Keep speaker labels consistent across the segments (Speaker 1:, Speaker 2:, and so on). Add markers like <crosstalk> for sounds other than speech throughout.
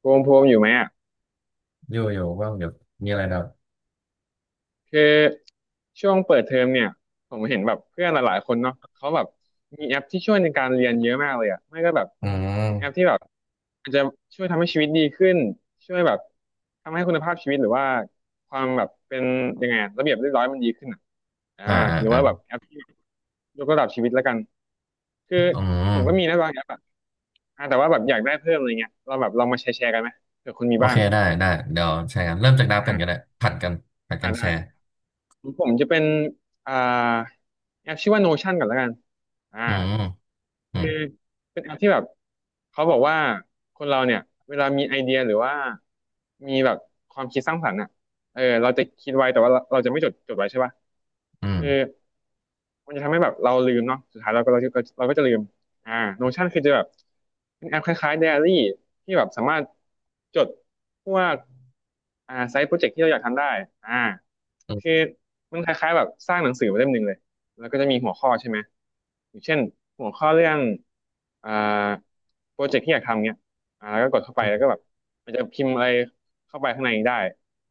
Speaker 1: โพมโพมอยู่ไหมอ่ะ
Speaker 2: อยู่อยู่ว่างเดี๋ยวมีอะไรนะครับ
Speaker 1: คือช่วงเปิดเทอมเนี่ยผมเห็นแบบเพื่อนหลายๆคนเนาะเขาแบบมีแอปที่ช่วยในการเรียนเยอะมากเลยอ่ะไม่ก็แบบ
Speaker 2: อื
Speaker 1: เป็นแอป
Speaker 2: ม
Speaker 1: ที่แบบอาจจะช่วยทำให้ชีวิตดีขึ้นช่วยแบบทำให้คุณภาพชีวิตหรือว่าความแบบเป็นยังไงอะระเบียบเรียบร้อยมันดีขึ้นอ่ะอ่า
Speaker 2: อ่าอ่า
Speaker 1: หรือ
Speaker 2: อ่า
Speaker 1: ว่าแบบแอปที่ยกระดับชีวิตแล้วกันคือ
Speaker 2: อื
Speaker 1: ผมก็มี
Speaker 2: ม
Speaker 1: นะบางแอปอ่ะแต่ว่าแบบอยากได้เพิ่มอะไรเงี้ยเราแบบลองมาแชร์แชร์กันไหมเผื่อคุณมี
Speaker 2: โอ
Speaker 1: บ้า
Speaker 2: เค
Speaker 1: ง
Speaker 2: ได้ได้เดี๋ยวแชร์กันเริ่มจากนับ
Speaker 1: อ่
Speaker 2: กันก็ได้
Speaker 1: า
Speaker 2: ผัดกันผัดกั
Speaker 1: อ่า
Speaker 2: นแช
Speaker 1: ได้
Speaker 2: ร์
Speaker 1: ผมจะเป็นอ่าแอปชื่อว่า Notion ก่อนแล้วกันอ่า
Speaker 2: อืมอื
Speaker 1: คื
Speaker 2: ม
Speaker 1: อเป็นแอปที่แบบเขาบอกว่าคนเราเนี่ยเวลามีไอเดียหรือว่ามีแบบความคิดสร้างสรรค์อ่ะเออเราจะคิดไว้แต่ว่าเราจะไม่จดไว้ใช่ป่ะ
Speaker 2: อืม
Speaker 1: คือ มันจะทำให้แบบเราลืมเนาะสุดท้ายเราก็จะลืมอ่า Notion คือจะแบบเป็นแอปคล้ายๆ Diary ที่แบบสามารถจดพวกไซต์โปรเจกต์ที่เราอยากทำได้อ่า
Speaker 2: อืม
Speaker 1: คือมันคล้ายๆแบบสร้างหนังสือมาเล่มหนึ่งเลยแล้วก็จะมีหัวข้อใช่ไหมอย่างเช่นหัวข้อเรื่องอ่าโปรเจกต์ที่อยากทำเนี้ยแล้วก็กดเข้าไปแล้วก็แบบมันจะพิมพ์อะไรเข้าไปข้างในได้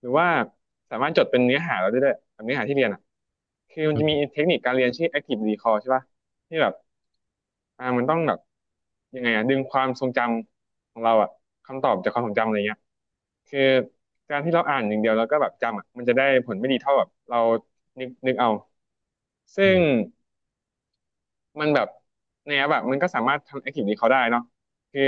Speaker 1: หรือว่าสามารถจดเป็นเนื้อหาเราได้ด้วยแบบเนื้อหาที่เรียนอ่ะคือมัน
Speaker 2: อืม
Speaker 1: จะมี
Speaker 2: อืม
Speaker 1: เทคนิคการเรียนชื่อ active recall ใช่ป่ะที่แบบมันต้องแบบยังไงอ่ะดึงความทรงจำของเราอ่ะคำตอบจากความทรงจำอะไรเงี้ยคือการที่เราอ่านอย่างเดียวแล้วก็แบบจำอ่ะมันจะได้ผลไม่ดีเท่าแบบเรานึกนึกเอา
Speaker 2: อื
Speaker 1: ซึ่ง
Speaker 2: ม
Speaker 1: มันแบบในแอปแบบมันก็สามารถทำแอคทิวิี้เขาได้เนาะคือ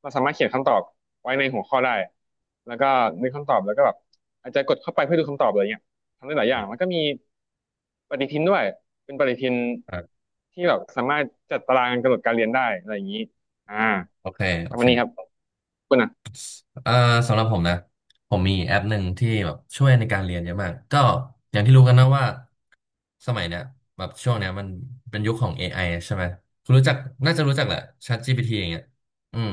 Speaker 1: เราสามารถเขียนคำตอบไว้ในหัวข้อได้แล้วก็นึกคำตอบแล้วก็แบบอาจจะกดเข้าไปเพื่อดูคำตอบอะไรเงี้ยทำได้หลายอ
Speaker 2: อ
Speaker 1: ย่าง
Speaker 2: ม
Speaker 1: แล้วก็มีปฏิทินด้วยเป็นปฏิทิน
Speaker 2: อ่า
Speaker 1: ที่แบบสามารถจัดตารางกำหนดการเรียนได้อะไรอย่างนี้อ่า
Speaker 2: โอเค
Speaker 1: ป
Speaker 2: โอ
Speaker 1: ระมา
Speaker 2: เค
Speaker 1: ณนี้ครับคุณอ่ะ
Speaker 2: เอ่อสำหรับผมนะผมมีแอปหนึ่งที่แบบช่วยในการเรียนเยอะมากก็อย่างที่รู้กันนะว่าสมัยเนี้ยแบบช่วงเนี้ยมันเป็นยุคของ AI ใช่ไหมคุณรู้จักน่าจะรู้จักแหละ ChatGPT อย่างเงี้ยอืม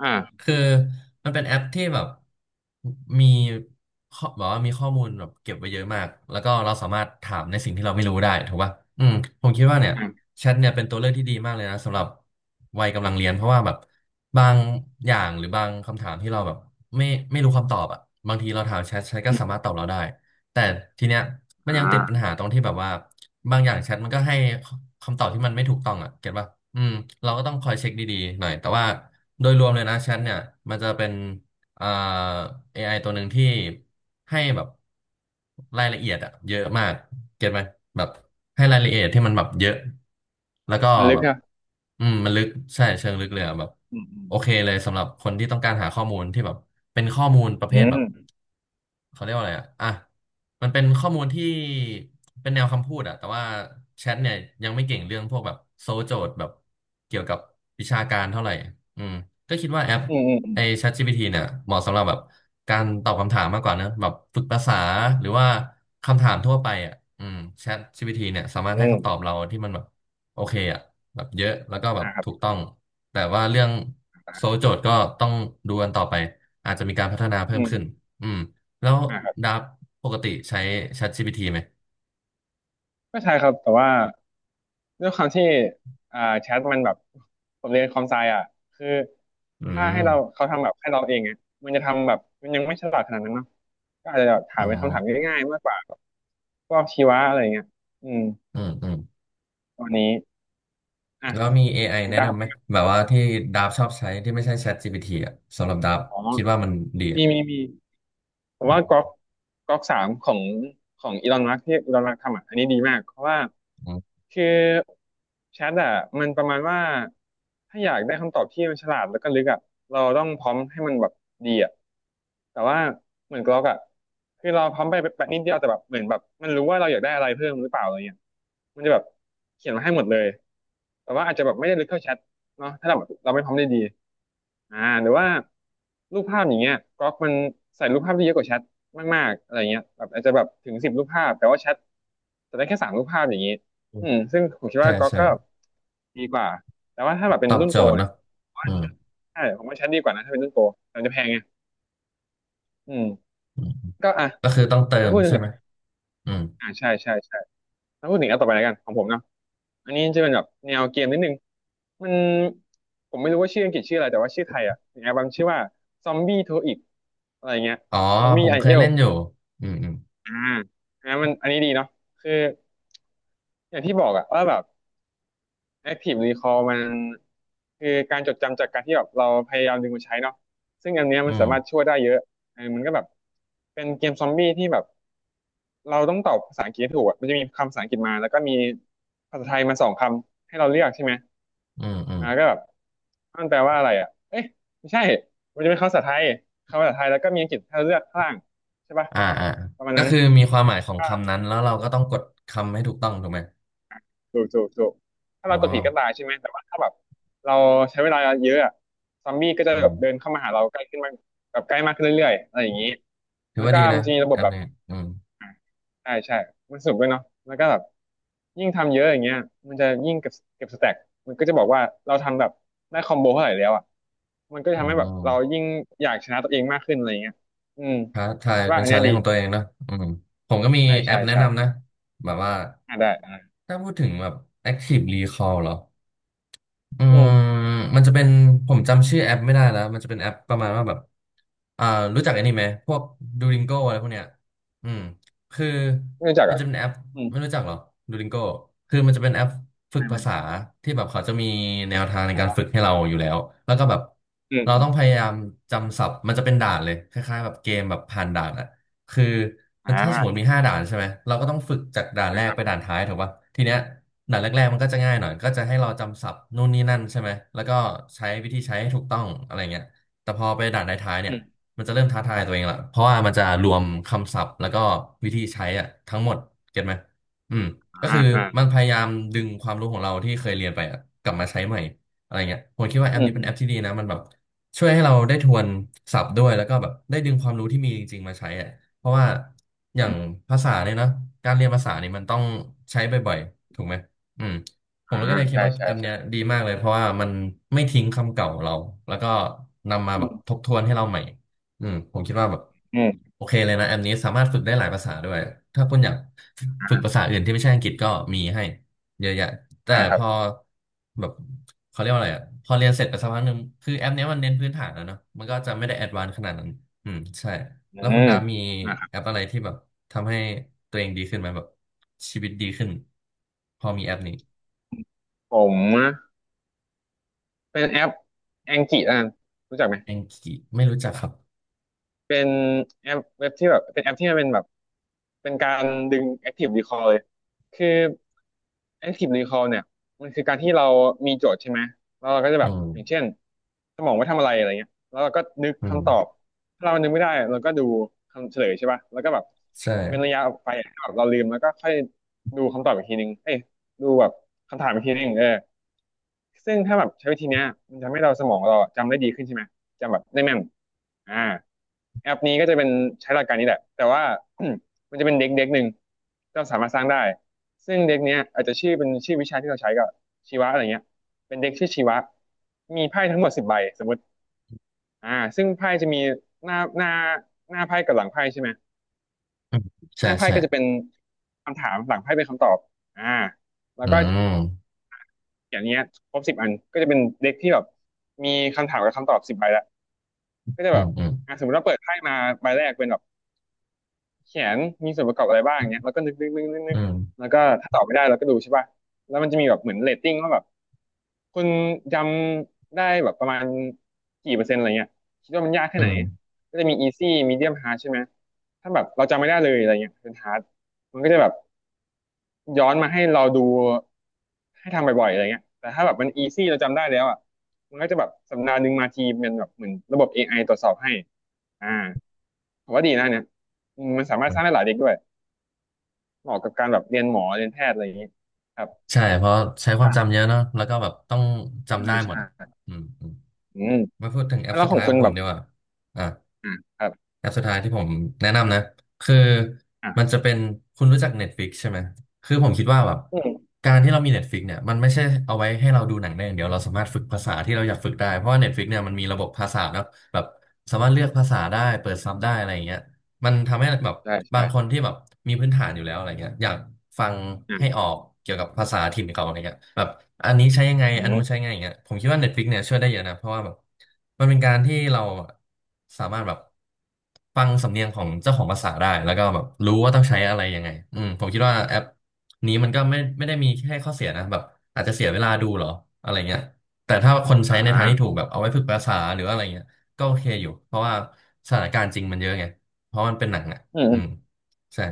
Speaker 1: อ่า
Speaker 2: คือมันเป็นแอปที่แบบมีข้อแบบว่ามีข้อมูลแบบเก็บไว้เยอะมากแล้วก็เราสามารถถามในสิ่งที่เราไม่รู้ได้ถูกป่ะอืมผมคิดว่าเนี่ย
Speaker 1: อ่า
Speaker 2: แชทเนี่ยเป็นตัวเลือกที่ดีมากเลยนะสำหรับวัยกำลังเรียนเพราะว่าแบบบางอย่างหรือบางคำถามที่เราแบบไม่ไม่รู้คำตอบอ่ะบางทีเราถามแชทแชทก็
Speaker 1: อื
Speaker 2: สามารถ
Speaker 1: ม
Speaker 2: ตอบเราได้แต่ทีเนี้ยมัน
Speaker 1: อ่า
Speaker 2: ยังติดปัญหาตรงที่แบบว่าบางอย่างแชทมันก็ให้คำตอบที่มันไม่ถูกต้องอ่ะเก็ตป่ะอืมเราก็ต้องคอยเช็คดีๆหน่อยแต่ว่าโดยรวมเลยนะแชทเนี่ยมันจะเป็นอ่าเอไอตัวหนึ่งที่ให้แบบรายละเอียดอ่ะเยอะมาก เก็ตไหมแบบให้รายละเอียดที่มันแบบเยอะแล้วก็
Speaker 1: มันลึ
Speaker 2: แบ
Speaker 1: ก
Speaker 2: บ
Speaker 1: ครับ
Speaker 2: อืมมันลึกใช่เชิงลึกเลยอะแบบ
Speaker 1: อื
Speaker 2: โอเค
Speaker 1: ม
Speaker 2: เลยสำหรับคนที่ต้องการหาข้อมูลที่แบบเป็นข้อมูลประเภ
Speaker 1: อื
Speaker 2: ทแบ
Speaker 1: ม
Speaker 2: บ เขาเรียกว่าอะไรอะอ่ะ มันเป็นข้อมูลที่เป็นแนวคำพูดอะแต่ว่าแชทเนี่ยยังไม่เก่งเรื่องพวกแบบโซลโจทย์แบบเกี่ยวกับวิชาการเท่าไหร่อืมก็คิดว่าแอป
Speaker 1: อืมอืมอืม
Speaker 2: ไอ้ ChatGPT เนี่ยเหมาะสำหรับแบบการตอบคำถามมากกว่านะแบบฝึกภาษาหรือว่าคำถามทั่วไปอะอืม ChatGPT เนี่ยสามาร
Speaker 1: อื
Speaker 2: ถให้คำตอบ
Speaker 1: ม
Speaker 2: เราที่มันแบบโอเคอะแบบเยอะแล้วก็แบบ
Speaker 1: อ่าครั
Speaker 2: ถูก
Speaker 1: บ
Speaker 2: ต้อง แต่ว่าเรื่องโซลโจทย์ก็ต้องดูกันต่อไปอาจจะมีการพัฒนาเพิ่
Speaker 1: อื
Speaker 2: มขึ้น
Speaker 1: ม
Speaker 2: อืม แล้ว
Speaker 1: อ่า
Speaker 2: ดับปกติใช้ ChatGPT ไหม
Speaker 1: ไม่ใช่ครับ แต่ว่าด้วยความที่แชทมันแบบผมเรียนคอมไซอ่ะคือ
Speaker 2: อื
Speaker 1: ถ้าให้
Speaker 2: ม
Speaker 1: เราเขาทำแบบให้เราเองอ่ะมันจะทำแบบมันยังไม่ฉลาดขนาดนั้นเนาะก็อาจจะแบบถา
Speaker 2: อ๋
Speaker 1: ม
Speaker 2: อ
Speaker 1: เป็นคำถามง่ายๆมากกว่าพวกชีวะอะไรเงี้ยอืม
Speaker 2: อืมอืม
Speaker 1: ตอนนี้อ่ะ
Speaker 2: แล้วมี AI
Speaker 1: ถึง
Speaker 2: แนะ
Speaker 1: ตาขอ
Speaker 2: นำไหม
Speaker 1: ง
Speaker 2: แบบว่าที่ดับชอบใช้ที่ไม่ใช่ ChatGPT อ่ะสำหรับดับ
Speaker 1: อ๋อ
Speaker 2: คิดว่ามันดี
Speaker 1: มี
Speaker 2: อะ
Speaker 1: มีมี ผมว่าก๊อกสามของของอีลอนมัสก์ที่อีลอนมัสก์ทำอ่ะอันนี้ดีมากเพราะว่า
Speaker 2: อืม
Speaker 1: คือแชทอ่ะมันประมาณว่าถ้าอยากได้คำตอบที่มันฉลาดแล้วก็ลึกอ่ะเราต้องพร้อมให้มันแบบดีอ่ะแต่ว่าเหมือนก๊อกอ่ะคือเราพร้อมไปแบบนิดเดียวแต่แบบเหมือนแบบมันรู้ว่าเราอยากได้อะไรเพิ่มหรือเปล่าอะไรเงี้ยมันจะแบบเขียนมาให้หมดเลยแต่ว่าอาจจะแบบไม่ได้ลึกเท่าแชท เนาะถ้าเราแบบเราไม่พร้อมได้ดีหรือว่ารูปภาพอย่างเงี้ยก๊อกมันใส่รูปภาพที่เยอะกว่าแชทมากๆอะไรเงี้ยแบบอาจจะแบบถึง10 รูปภาพแต่ว่าแชทจะได้แค่3 รูปภาพอย่างงี้อืมซึ่งผมคิด
Speaker 2: ใช่
Speaker 1: ว่าก๊อก
Speaker 2: ใช่
Speaker 1: ก็ดีกว่าแต่ว่าถ้าแบบเป็
Speaker 2: ต
Speaker 1: น
Speaker 2: อบ
Speaker 1: รุ่น
Speaker 2: โจ
Speaker 1: โปร
Speaker 2: ทย์เน
Speaker 1: เนี่ย
Speaker 2: อะ
Speaker 1: ผมว่า
Speaker 2: อืม
Speaker 1: ใช่ผมว่าแชทดีกว่านะถ้าเป็นรุ่นโปรแต่มันจะแพงไงอืม
Speaker 2: อืมอืม
Speaker 1: ก็อ่ะ
Speaker 2: ก็คือต้องเติ
Speaker 1: มา
Speaker 2: ม
Speaker 1: พูดถึง
Speaker 2: ใช่ไหมอืม
Speaker 1: ใช่ใช่ใช่แล้วพูดถึงอันต่อไปแล้วกันของผมเนาะอันนี้จะเป็นแบบแนวเกมนิดนึงมันผมไม่รู้ว่าชื่ออังกฤษชื่ออะไรแต่ว่าชื่อไทยอ่ะมีแอลบั้มชื่อว่าซอมบี้โทอิกอะไรเงี้ย
Speaker 2: อ๋อ
Speaker 1: ซอมบี้
Speaker 2: ผม
Speaker 1: ไอ
Speaker 2: เค
Speaker 1: เอ
Speaker 2: ย
Speaker 1: ล
Speaker 2: เล่นอยู่อืมอืม
Speaker 1: อ่าอันนั้นมันอันนี้ดีเนาะคืออย่างที่บอกอะว่าแบบ Active Recall มันคือการจดจำจากการที่แบบเราพยายามดึงมาใช้เนาะซึ่งอันเนี้ย
Speaker 2: อื
Speaker 1: มัน
Speaker 2: ม
Speaker 1: สามารถช่วยได้เยอะเออมันก็แบบเป็นเกมซอมบี้ที่แบบเราต้องตอบภาษาอังกฤษให้ถูกอะมันจะมีคำภาษาอังกฤษมาแล้วก็มีภาษาไทยมาสองคำให้เราเลือกใช่ไหม
Speaker 2: อืมอืม
Speaker 1: ก็แบบมันแปลว่าอะไรอ่ะเอ๊ะไม่ใช่มันจะเป็นคำภาษาไทยแล้วก็มีอังกฤษให้เราเลือกข้างล่างใช่ปะ
Speaker 2: อ่าอ่า
Speaker 1: ประมาณ
Speaker 2: ก็
Speaker 1: นั้น
Speaker 2: คือมีความหมายของคำนั้นแล้วเราก็ต้องกดคำให้ถูกต้องถูกไหม
Speaker 1: ถูกถ้า
Speaker 2: อ๋อ
Speaker 1: เรากดผิดก็ตายใช่ไหมแต่ว่าถ้าแบบเราใช้เวลาเยอะอะซอมบี้ก็จะ
Speaker 2: อื
Speaker 1: แบบ
Speaker 2: ม
Speaker 1: เดินเข้ามาหาเราใกล้ขึ้นมากแบบใกล้มากขึ้นเรื่อยๆอะไรอย่างนี้
Speaker 2: ถือ
Speaker 1: แล้ว
Speaker 2: ว่า
Speaker 1: ก็
Speaker 2: ดี
Speaker 1: มั
Speaker 2: นะ
Speaker 1: นจะมีระบ
Speaker 2: แอ
Speaker 1: บ
Speaker 2: ป
Speaker 1: แบบ
Speaker 2: นี้อืม
Speaker 1: อ่าใช่ใช่มันสนุกด้วยเนาะแล้วก็แบบยิ่งทำเยอะอย่างเงี้ยมันจะยิ่งเก็บสแต็กมันก็จะบอกว่าเราทำแบบได้คอมโบเท่าไหร่แล้วอ่ะมันก็จะ
Speaker 2: อื
Speaker 1: ทำให้แบบเรา
Speaker 2: ม
Speaker 1: ยิ่งอยากชนะตัวเองมากขึ้นอะไรอย่างเงี้ยอืม
Speaker 2: ท้า
Speaker 1: ผ
Speaker 2: ทา
Speaker 1: ม
Speaker 2: ย
Speaker 1: คิด
Speaker 2: เป็
Speaker 1: ว่า
Speaker 2: น
Speaker 1: อัน
Speaker 2: ชา
Speaker 1: เนี้ย
Speaker 2: เลน
Speaker 1: ดี
Speaker 2: จ์ของตัวเองเนอะอืมผมก็มี
Speaker 1: ใช่
Speaker 2: แอ
Speaker 1: ใช่
Speaker 2: ปแนะ
Speaker 1: ใช่
Speaker 2: นำนะ แบบว่า
Speaker 1: ได้
Speaker 2: ถ้าพูดถึงแบบ Active Recall เหรอ อื
Speaker 1: อื
Speaker 2: ม
Speaker 1: ม
Speaker 2: มันจะเป็นผมจำชื่อแอปไม่ได้แล้วมันจะเป็นแอปประมาณว่าแบบอ่ารู้จักไอ้นี่ไหมพวกดู o ิงโกอะไรพวกเนี้ยอืมคือ
Speaker 1: ไม่รู้จัก
Speaker 2: มัน
Speaker 1: อ่ะ
Speaker 2: จะเป็นแอป
Speaker 1: อืม
Speaker 2: ไม่รู้จักหรอดู o ิงโกคือมันจะเป็นแอปฝึก
Speaker 1: ไม่
Speaker 2: ภา
Speaker 1: ไม่
Speaker 2: ษาที่แบบเขาจะมีแนวทาง
Speaker 1: อ๋อ
Speaker 2: ในการฝึกให้เราอยู่แล้วแล้วก็แบบ
Speaker 1: อืม
Speaker 2: เรา
Speaker 1: อืม
Speaker 2: ต้องพยายามจำศัพท์มันจะเป็นด่านเลยคล้ายๆแบบเกมแบบผ่านด่านอะคือ
Speaker 1: อ่
Speaker 2: มันถ้าสมมติ
Speaker 1: า
Speaker 2: มีห้าด่านใช่ไหมเราก็ต้องฝึกจากด่านแร
Speaker 1: นะค
Speaker 2: ก
Speaker 1: รั
Speaker 2: ไป
Speaker 1: บ
Speaker 2: ด่านท้ายถูกปะทีเนี้ย ด่านงแรกๆมันก็จะง่ายหน่อยก็จะให้เราจำศัพท์นู่นนี่นั่นใช่ไหมแล้วก็ใช้วิธีใช้ให้ถูกต้องอะไรเงี้ยแต่พอไปด่านท้ายๆเนี่
Speaker 1: อื
Speaker 2: ย
Speaker 1: ม
Speaker 2: มันจะเริ่มท้าทายตัวเองละเพราะว่ามันจะรวมคำศัพท์แล้วก็วิธีใช้อะทั้งหมดเก็ตไหมอืมก็คือ
Speaker 1: เอ่า
Speaker 2: มันพยายามดึงความรู้ของเราที่เคยเรียนไปอะกลับมาใช้ใหม่อะไรเงี้ยผมคิดว่าแอ
Speaker 1: อื
Speaker 2: ป
Speaker 1: ม
Speaker 2: นี้
Speaker 1: อื
Speaker 2: เป็นแอ
Speaker 1: ม
Speaker 2: ปที่ดีนะมันแบบช่วยให้เราได้ทวนศัพท์ด้วยแล้วก็แบบได้ดึงความรู้ที่มีจริงๆมาใช้อะเพราะว่าอย่างภาษาเนี่ยเนอะการเรียนภาษานี่มันต้องใช้บ่อยๆถูกไหม อืมผม
Speaker 1: อ่า
Speaker 2: ก็เลยคิด
Speaker 1: ใช่
Speaker 2: ว่า
Speaker 1: ใช่
Speaker 2: แอปเนี้
Speaker 1: ใช่
Speaker 2: ยดีมากเลยเพราะว่ามันไม่ทิ้งคำเก่าเราแล้วก็นำมา
Speaker 1: อื
Speaker 2: แบบ
Speaker 1: ม
Speaker 2: ทบทวนให้เราใหม่อืมผมคิดว่าแบบ
Speaker 1: อืม
Speaker 2: โอเคเลยนะแอปนี้สามารถฝึกได้หลายภาษาด้วยถ้าคุณอยาก
Speaker 1: อ่า
Speaker 2: ฝึกภาษาอื่นที่ไม่ใช่อังกฤษก็มีให้เยอะแยะแต่
Speaker 1: ค
Speaker 2: พ
Speaker 1: รับ
Speaker 2: อแบบเขาเรียกว่าอะไรอ่ะพอเรียนเสร็จไปสักพักหนึ่งคือแอปเนี้ยมันเน้นพื้นฐานแล้วเนอะมันก็จะไม่ได้แอดวานซ์ขนาดนั้นอืมใช่
Speaker 1: อื
Speaker 2: แล้วคุณ
Speaker 1: ม
Speaker 2: ดาฟมี
Speaker 1: นะครับ
Speaker 2: แอปอะไรที่แบบทำให้ตัวเองดีขึ้นไหมแบบชีวิตดีขึ้นพอมีแอปนี้
Speaker 1: ผมนะเป็นแอปแองกิแล้วกันรู้จักไหม
Speaker 2: แองกี้ไม่รู้จักครับ
Speaker 1: เป็นแอปเว็บที่แบบเป็นแอปที่มันเป็นแบบเป็นการดึง Active Recall เลยคือ Active Recall เนี่ยมันคือการที่เรามีโจทย์ใช่ไหมแล้วเราก็จะ
Speaker 2: อื
Speaker 1: แบบ
Speaker 2: ม
Speaker 1: อย่างเช่นสมองไว้ทำอะไรอะไรเงี้ยแล้วเราก็นึก
Speaker 2: อืม
Speaker 1: คำตอบถ้าเรานึกไม่ได้เราก็ดูคำเฉลยใช่ป่ะแล้วก็แบบ
Speaker 2: ใช่
Speaker 1: เว้นระยะออกไปให้แบบเราลืมแล้วก็ค่อยดูคำตอบอีกทีนึงเอ้ยดูแบบคำถามอีกทีนึงซึ่งถ้าแบบใช้วิธีเนี้ยมันทำให้เราสมองเราจำได้ดีขึ้นใช่ไหม จะแบบได้แม่นอ่าแอปนี้ก็จะเป็นใช้หลักการนี้แหละแต่ว่า <clears throat> มันจะเป็นเด็กเด็กหนึ่งที่เราสามารถสร้างได้ซึ่งเด็กเนี้ยอาจจะชื่อเป็นชื่อวิชาที่เราใช้ก็ชีวะอะไรเงี้ยเป็นเด็กชื่อชีวะมีไพ่ทั้งหมดสิบใบสมมติอ่าซึ่งไพ่จะมีหน้าหน้าหน้าไพ่กับหลังไพ่ใช่ไหม
Speaker 2: อืม
Speaker 1: ห
Speaker 2: ใช่
Speaker 1: น้าไพ่
Speaker 2: ใช่
Speaker 1: ก็จะเป็นคำถามหลังไพ่เป็นคำตอบอ่าแล้ว
Speaker 2: อื
Speaker 1: ก็
Speaker 2: ม
Speaker 1: อย่างเงี้ยครบสิบอันก็จะเป็นเด็กที่แบบมีคำถามกับคำตอบสิบใบละก็จะ
Speaker 2: อื
Speaker 1: แบ
Speaker 2: ม
Speaker 1: บ
Speaker 2: อืม
Speaker 1: สมมติเราเปิดไพ่มาใบแรกเป็นแบบ แขนมีส่วนประกอบอะไรบ้างเงี้ยแล้วก็นึกนึกนึกนึก
Speaker 2: อื
Speaker 1: นึก
Speaker 2: ม
Speaker 1: แล้วก็ถ้าตอบไม่ได้เราก็ดูใช่ป่ะแล้วมันจะมีแบบเหมือนเรตติ้งว่าแบบคุณจำได้แบบประมาณกี่เปอร์เซ็นต์อะไรเงี้ยคิดว่ามันยากแค่
Speaker 2: อื
Speaker 1: ไหน
Speaker 2: ม
Speaker 1: ก็จะมี easy medium hard ใช่ไหมถ้าแบบเราจำไม่ได้เลยอะไรเงี้ยเป็น hard มันก็จะแบบย้อนมาให้เราดูให้ทำบ่อยๆอะไรเงี้ยแต่ถ้าแบบมัน easy เราจำได้แล้วอ่ะมันก็จะแบบสัปดาห์หนึ่งมาทีเป็นแบบเหมือนระบบ AI ตรวจสอบให้อ่าผมว่าดีนะเนี่ยอืมมันสามารถ
Speaker 2: อื
Speaker 1: สร้าง
Speaker 2: ม
Speaker 1: ได้หลายเด็กด้วย เหมาะกับการแบบเรียนหมอเรียนแพทย์อะไรอย่างนี้ครับ
Speaker 2: ใช่เพราะใช้ความ
Speaker 1: อ่า
Speaker 2: จำเยอะเนอะแล้วก็แบบต้องจำ
Speaker 1: ใช่
Speaker 2: ได้หมดอ่ะ
Speaker 1: ใช่
Speaker 2: อืมอืม
Speaker 1: อืม
Speaker 2: มาพูดถึงแอป
Speaker 1: แล้ว
Speaker 2: สุด
Speaker 1: ขอ
Speaker 2: ท้า
Speaker 1: ง
Speaker 2: ยข
Speaker 1: คุ
Speaker 2: อ
Speaker 1: ณ
Speaker 2: งผ
Speaker 1: แบ
Speaker 2: ม
Speaker 1: บ
Speaker 2: ดีกว่าอ่ะ
Speaker 1: อ่าครับ
Speaker 2: แอปสุดท้ายที่ผมแนะนำนะคือมัน
Speaker 1: อ่า
Speaker 2: จะเป็นคุณรู้จัก Netflix ใช่ไหมคือผมคิดว่าแบบ
Speaker 1: อืม
Speaker 2: การที่เรามี Netflix เนี่ยมันไม่ใช่เอาไว้ให้เราดูหนังได้อย่างเดียวเราสามารถฝึกภาษาที่เราอยากฝึกได้เพราะว่า Netflix เนี่ยมันมีระบบภาษาเนอะแบบสามารถเลือกภาษาได้เปิดซับได้อะไรอย่างเงี้ย มันทำให้แบบ
Speaker 1: ใช่
Speaker 2: บา
Speaker 1: ใช่
Speaker 2: งคนที่แบบมีพื้นฐานอยู่แล้วอะไรเงี้ยอยากฟังให้อ
Speaker 1: อ่า
Speaker 2: อกเกี่ยวกับภาษาถิ่นเขาอะไรเงี้ยแบบอันนี้ใช้ยังไง
Speaker 1: อื
Speaker 2: อันนู้น
Speaker 1: ม
Speaker 2: ใช้ยังไงอย่างเงี้ยผมคิดว่า Netflix เนี่ยช่วยได้เยอะนะเพราะว่าแบบมันเป็นการที่เราสามารถแบบฟังสำเนียงของเจ้าของภาษาได้แล้วก็แบบรู้ว่าต้องใช้อะไรยังไงอืมผมคิดว่าแอปนี้มันก็ไม่ได้มีแค่ข้อเสียนะแบบอาจจะเสียเวลาดูเหรออะไรเงี้ยแต่ถ้าคนใช้
Speaker 1: อ่
Speaker 2: ในทางที่ถู
Speaker 1: า
Speaker 2: กแบบเอาไว้ฝึกภาษาหรือว่าอะไรเงี้ยก็โอเคอยู่เพราะว่าสถานการณ์จริงมันเยอะไง เพราะมันเป็นหนังอ่ะ
Speaker 1: อืม
Speaker 2: อื
Speaker 1: อ
Speaker 2: ม
Speaker 1: ม
Speaker 2: ใช่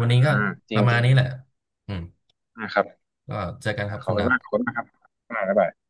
Speaker 2: วั
Speaker 1: อ่า
Speaker 2: นนี้ก็
Speaker 1: จ
Speaker 2: ป
Speaker 1: ริง
Speaker 2: ระ
Speaker 1: จ
Speaker 2: มาณ
Speaker 1: ริง
Speaker 2: นี้แหละอืม
Speaker 1: ครับ
Speaker 2: ก็เจอกันครับ
Speaker 1: ข
Speaker 2: คุ
Speaker 1: อบ
Speaker 2: ณ
Speaker 1: คุณ
Speaker 2: ดับ
Speaker 1: มากขอบคุณมากครับบ๊ายบาย